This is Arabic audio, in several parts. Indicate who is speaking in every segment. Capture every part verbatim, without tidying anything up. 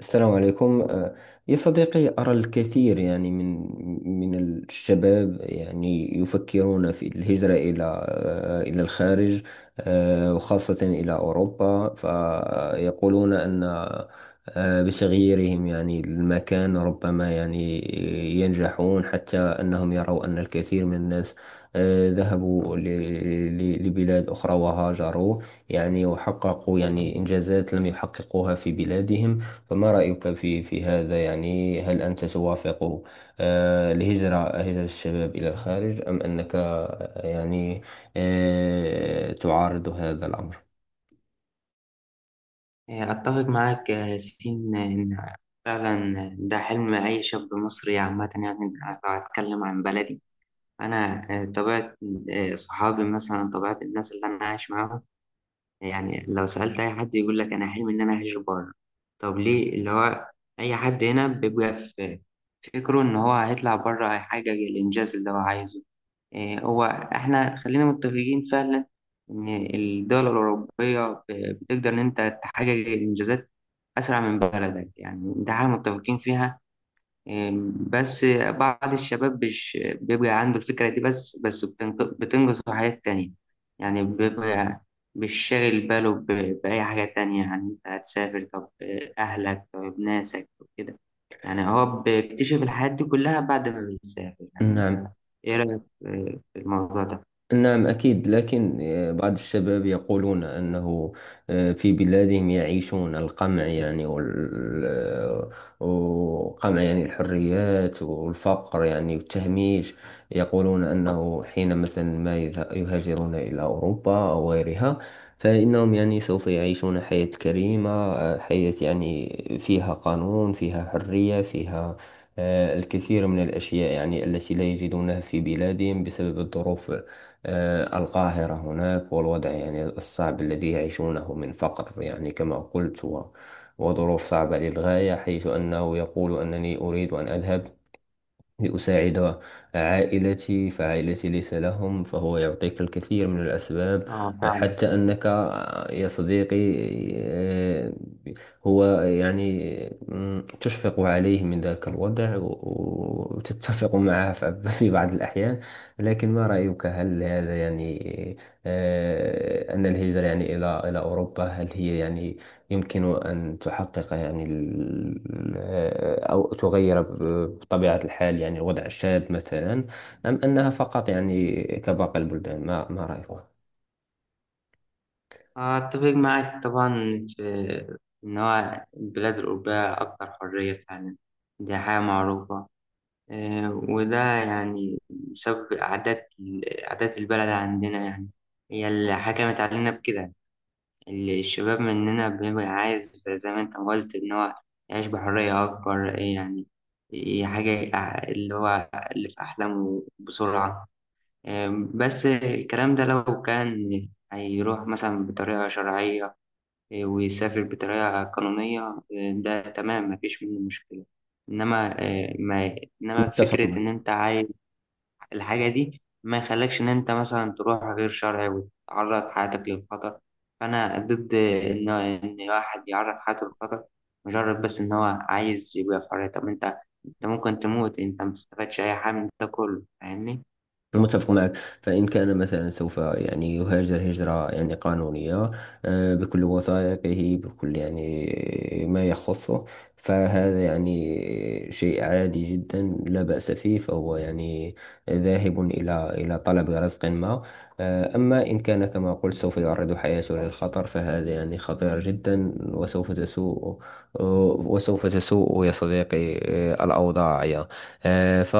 Speaker 1: السلام عليكم. آه، يا صديقي، أرى الكثير يعني من من الشباب يعني يفكرون في الهجرة إلى آه، إلى الخارج، آه، وخاصة إلى أوروبا. فيقولون أن آه، بتغييرهم يعني المكان ربما يعني ينجحون، حتى أنهم يروا أن الكثير من الناس آه، ذهبوا ل- ل- لبلاد أخرى وهاجروا يعني وحققوا يعني إنجازات لم يحققوها في بلادهم. فما رأيك في في هذا يعني؟ هل أنت توافق آه، الهجرة، هجرة الشباب إلى الخارج، أم أنك آه، يعني آه، تعارض هذا الأمر؟
Speaker 2: آه، أتفق معاك يا ياسين إن فعلا ده حلم أي شاب مصري عامة، يعني لو هتكلم عن بلدي أنا. آه، طبيعة آه، صحابي مثلا، طبيعة الناس اللي أنا عايش معاهم، يعني لو سألت أي حد يقول لك أنا حلمي إن أنا أعيش بره. طب ليه؟ اللي هو أي حد هنا بيبقى في فكره إن هو هيطلع بره هيحقق الإنجاز اللي هو عايزه. آه، هو إحنا خلينا متفقين فعلا إن الدول الأوروبية بتقدر إن أنت تحقق الإنجازات أسرع من بلدك، يعني ده حاجة متفقين فيها. أم، بس بعض الشباب مش بيبقى عنده الفكرة دي، بس بس بتنق- بتنقص في حاجات تانية. يعني بيبقى مش شاغل باله ب- بأي حاجة تانية، يعني أنت هتسافر، طب أهلك، طب ناسك وكده. يعني هو بيكتشف الحاجات دي كلها بعد ما بيسافر. يعني أنت
Speaker 1: نعم.
Speaker 2: إيه رأيك في في الموضوع ده؟
Speaker 1: نعم، أكيد، لكن آه، بعض الشباب يقولون أنه آه، في بلادهم يعيشون القمع يعني وال- آه، وقمع يعني الحريات والفقر يعني والتهميش. يقولون أنه حين مثلا ما يذه- يهاجرون إلى أوروبا أو غيرها فإنهم يعني سوف يعيشون حياة كريمة، آه، حياة يعني فيها قانون، فيها حرية، فيها آه، الكثير من الأشياء يعني التي لا يجدونها في بلادهم بسبب الظروف آه، القاهرة هناك، والوضع يعني الصعب الذي يعيشونه من فقر يعني كما قلت و- وظروف صعبة للغاية. حيث أنه يقول أنني أريد أن أذهب لأساعد عائلتي، فعائلتي ليس لهم. فهو يعطيك الكثير من الأسباب
Speaker 2: آه فعلا.
Speaker 1: حتى أنك يا صديقي، آه، هو يعني مم، تشفق عليه من ذاك الوضع و- وتتفق معه ف- في بعض الأحيان. لكن ما رأيك؟ هل هذا يعني آه، أن الهجرة يعني إلى إلى أوروبا، هل هي يعني يمكن أن تحقق يعني ال- آه، أو تغير ب- بطبيعة الحال يعني الوضع الشاذ مثلا، أم أنها فقط يعني كباقي البلدان؟ ما ما رأيك؟
Speaker 2: آه، أتفق معك طبعا في إن هو البلاد الأوروبية أكثر حرية فعلا، دي حاجة معروفة. آه، وده يعني بسبب عادات عادات البلد عندنا، يعني هي اللي حكمت علينا بكده. اللي الشباب مننا بيبقى عايز، زي ما أنت ما قلت، إن هو يعيش بحرية أكبر. آه، يعني هي حاجة ع- اللي هو اللي في أحلامه بسرعة. آه، بس الكلام ده لو كان هيروح مثلا بطريقة شرعية، إيه، ويسافر بطريقة قانونية، إيه، ده تمام مفيش منه مشكلة. إنما إيه، ما إنما
Speaker 1: متفق.
Speaker 2: فكرة إن أنت عايز الحاجة دي ما يخليكش إن أنت مثلا تروح غير شرعي وتعرض حياتك للخطر. فأنا ضد إن إن واحد يعرض حياته للخطر مجرد بس إن هو عايز يبقى في حرية. طب أنت أنت ممكن تموت، أنت ما تستفادش أي حاجة من ده كله، فاهمني؟
Speaker 1: متفق معك. فإن كان مثلا سوف يعني يهاجر هجرة يعني قانونية، آه، بكل وثائقه، بكل يعني ما يخصه، فهذا يعني شيء عادي جدا، لا بأس فيه. فهو يعني ذاهب إلى إلى طلب رزق ما. آه، أما إن كان كما قلت سوف يعرض حياته للخطر فهذا يعني خطير جدا، وسوف تسوء آه، وسوف تسوء يا صديقي آه، الأوضاع يا آه، ف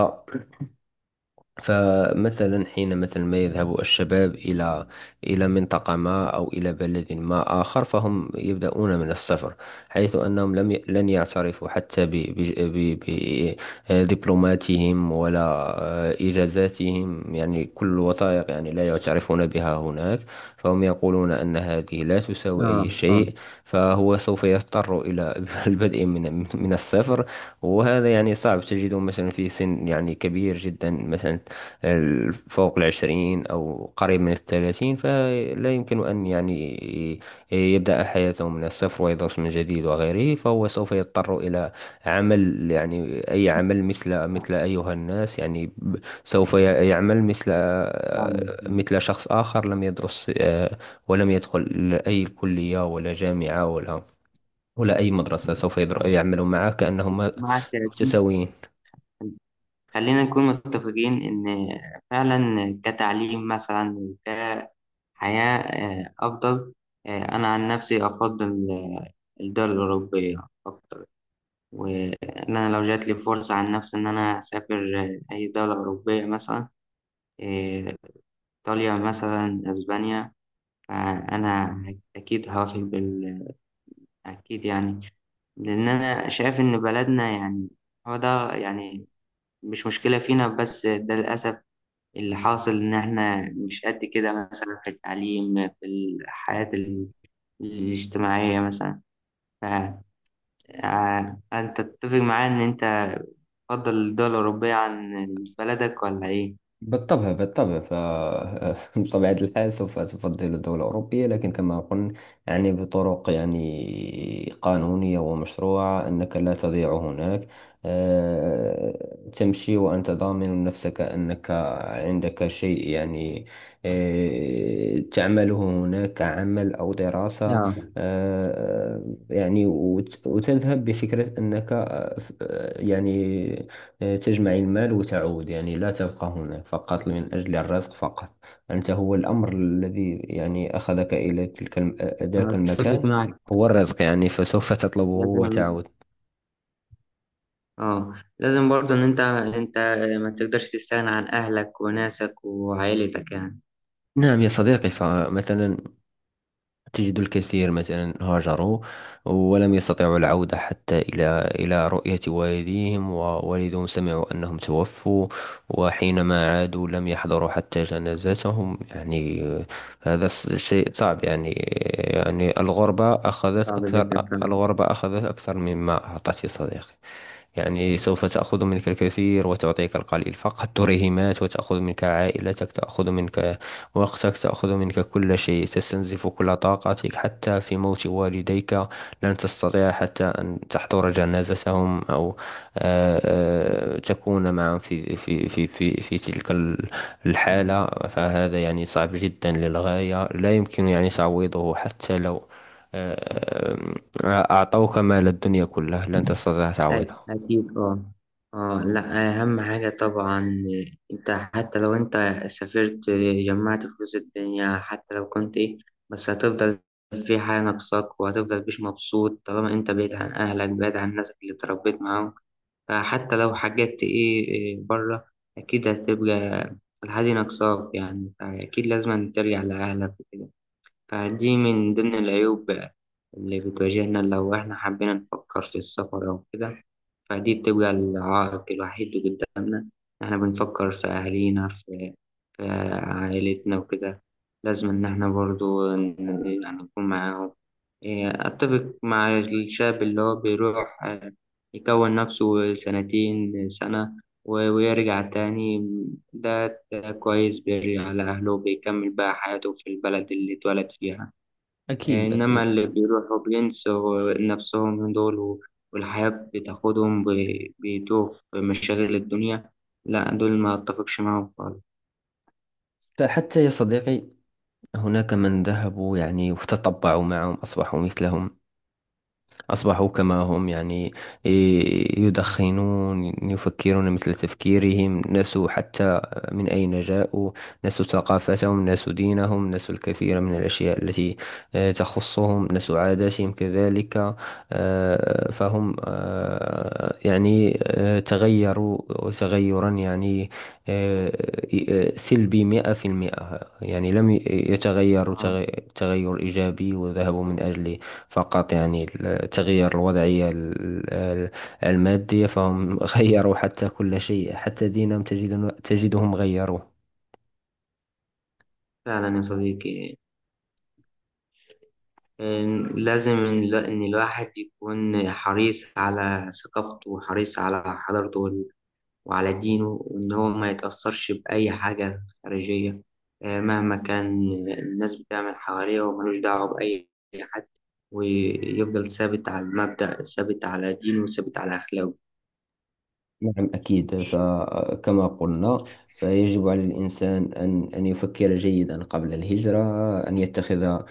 Speaker 1: فمثلا حين مثلا ما يذهب الشباب إلى إلى منطقة ما أو إلى بلد ما آخر، فهم يبدأون من الصفر. حيث أنهم لم ي... لن يعترفوا حتى ب... ب... ب... ب... آه، دبلوماتهم ولا آه، إجازاتهم، يعني كل وثائق يعني لا يعترفون بها هناك. فهم يقولون أن هذه لا تساوي أي
Speaker 2: اه اه،
Speaker 1: شيء. فهو سوف يضطر إلى البدء من من الصفر. وهذا يعني صعب، تجده مثلا في سن يعني كبير جدا مثلا، ال- فوق العشرين أو قريب من الثلاثين، فلا يمكن أن يعني ي- يبدأ حياته من الصفر ويدرس من جديد وغيره. فهو سوف يضطر إلى عمل يعني أي عمل، مثل مثل أيها الناس يعني ب- سوف ي- يعمل مثل
Speaker 2: يعني
Speaker 1: مثل شخص آخر لم يدرس آه، ولم يدخل أي كلية ولا جامعة ولا ولا أي مدرسة، سوف يدر- يعمل معه كأنهم
Speaker 2: معك يا ياسين.
Speaker 1: متساويين.
Speaker 2: خلينا نكون متفقين إن فعلا كتعليم مثلا، كحياة آه، أفضل. آه، أنا عن نفسي أفضل آه، الدول الأوروبية أكتر، وإن أنا لو جات لي فرصة عن نفسي إن أنا أسافر آه، أي دولة أوروبية مثلا، آه، إيطاليا مثلا، أسبانيا، فأنا أكيد هوافق بال، أكيد يعني. لأن أنا شايف إن بلدنا يعني هو ده يعني مش مشكلة فينا، بس ده للأسف اللي حاصل، إن إحنا مش قد كده مثلا في التعليم، في الحياة ال- الاجتماعية مثلا. فأنت تتفق معايا إن أنت تفضل الدول الأوروبية عن بلدك ولا إيه؟
Speaker 1: بالطبع، بالطبع. ف بطبيعة الحال سوف تفضل الدولة الأوروبية، لكن كما قلنا يعني بطرق يعني قانونية ومشروعة، أنك لا تضيع هناك. آه، تمشي وأنت ضامن نفسك أنك عندك شيء يعني آه، تعمله هناك، عمل أو دراسة.
Speaker 2: اه
Speaker 1: آه، يعني وت- وتذهب بفكرة أنك آه، ف- آه، يعني تجمع المال وتعود. يعني لا تبقى هناك فقط من أجل الرزق فقط. أنت هو الأمر الذي يعني أخذك إلى تلك الم-
Speaker 2: أنا
Speaker 1: ذلك
Speaker 2: أتفق
Speaker 1: المكان
Speaker 2: معك.
Speaker 1: هو الرزق، يعني فسوف تطلبه
Speaker 2: لازم،
Speaker 1: وتعود.
Speaker 2: اه لازم برضه ان انت انت ما تقدرش تستغنى عن اهلك وناسك وعائلتك يعني.
Speaker 1: نعم يا صديقي. فمثلا تجد الكثير مثلا هاجروا ولم يستطيعوا العودة حتى إلى إلى رؤية والديهم، ووالدهم سمعوا أنهم توفوا، وحينما عادوا لم يحضروا حتى جنازتهم يعني. هذا س- شيء صعب يعني. يعني الغربة أخذت
Speaker 2: صعب
Speaker 1: أكثر.
Speaker 2: جدا
Speaker 1: الغربة أخذت أكثر مما أعطت يا صديقي. يعني سوف تأخذ منك الكثير وتعطيك القليل، فقط تريهمات. وتأخذ منك عائلتك، تأخذ منك وقتك، تأخذ منك كل شيء، تستنزف كل طاقتك. حتى في موت والديك لن تستطيع حتى أن تحضر جنازتهم أو آه، آه، تكون معهم في في في في في تلك ال-
Speaker 2: فعلا.
Speaker 1: الحالة. فهذا يعني صعب جدا للغاية، لا يمكن يعني تعويضه. حتى لو آه، آه، أعطوك مال الدنيا كله لن تستطيع تعويضه.
Speaker 2: أك- أكيد أه. أه لأ، أهم حاجة طبعا، أنت حتى لو أنت سافرت، جمعت فلوس الدنيا، حتى لو كنت إيه، بس هتفضل في حاجة ناقصاك، وهتفضل مش مبسوط طالما أنت بعيد عن أهلك، بعيد عن الناس اللي اتربيت معاهم. فحتى لو حاجات إيه إيه بره، أكيد هتبقى الحاجة ناقصاك، يعني فأكيد لازم ترجع لأهلك وكده. فدي من ضمن العيوب اللي بتواجهنا لو إحنا حبينا نفكر في السفر أو كده. فدي بتبقى العائق الوحيد اللي قدامنا. احنا بنفكر في أهالينا، في في عائلتنا وكده، لازم إن احنا برضو ن- يعني نكون معاهم. إيه، أتفق مع الشاب اللي هو بيروح آه، يكون نفسه سنتين سنة و- ويرجع تاني. ده ده كويس، بيرجع لأهله وبيكمل بقى حياته في البلد اللي اتولد فيها.
Speaker 1: أكيد،
Speaker 2: إنما اللي
Speaker 1: أكيد.
Speaker 2: بيروحوا بينسوا نفسهم دول، و- والحياة بتاخدهم، ب- بيتوه في مشاغل الدنيا، لا دول ما أتفقش معاهم خالص.
Speaker 1: فحتى يا صديقي هناك من ذهبوا يعني وتطبعوا معهم، أصبحوا مثلهم، أصبحوا كما هم يعني، ي- يدخنون، يفكرون مثل تفكيرهم، نسوا حتى من أين جاءوا، نسوا ثقافتهم، نسوا دينهم، نسوا الكثير من الأشياء التي آه، تخصهم، نسوا عاداتهم كذلك. آه، فهم آه، يعني آه، تغيروا تغيرا يعني آه، آه، سلبي مئة في المئة. يعني لم ي- يتغيروا
Speaker 2: آه،
Speaker 1: تغ- تغير إيجابي وذهبوا من أجله، فقط يعني ال- تغيير الوضعية ال- ال- المادية. فهم غيروا حتى كل شيء، حتى دينهم تجد تجدهم غيروه.
Speaker 2: فعلا يا صديقي، إن- لازم إن لا- إن الواحد يكون حريص على ثقافته، وحريص على حضارته، وعلى دينه، وإن هو ما يتأثرش بأي حاجة خارجية آه، مهما كان الناس بتعمل حواليه، وملوش دعوة بأي حد، ويفضل ثابت على المبدأ، ثابت على دينه، وثابت على أخلاقه.
Speaker 1: نعم، أكيد. فكما قلنا، فيجب على الإنسان أن أن يفكر جيدا قبل الهجرة، أن يتخذ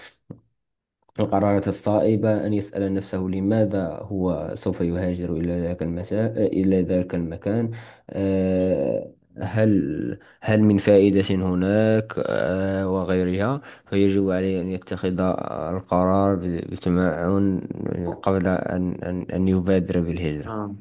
Speaker 1: القرارات الصائبة، أن يسأل نفسه لماذا هو سوف يهاجر إلى ذاك المسا... إلى ذاك المكان، آه، هل هل من فائدة هناك آه، وغيرها. فيجب عليه أن يتخذ القرار ب- بتمعن قبل أن أن أن يبادر بالهجرة.
Speaker 2: آه.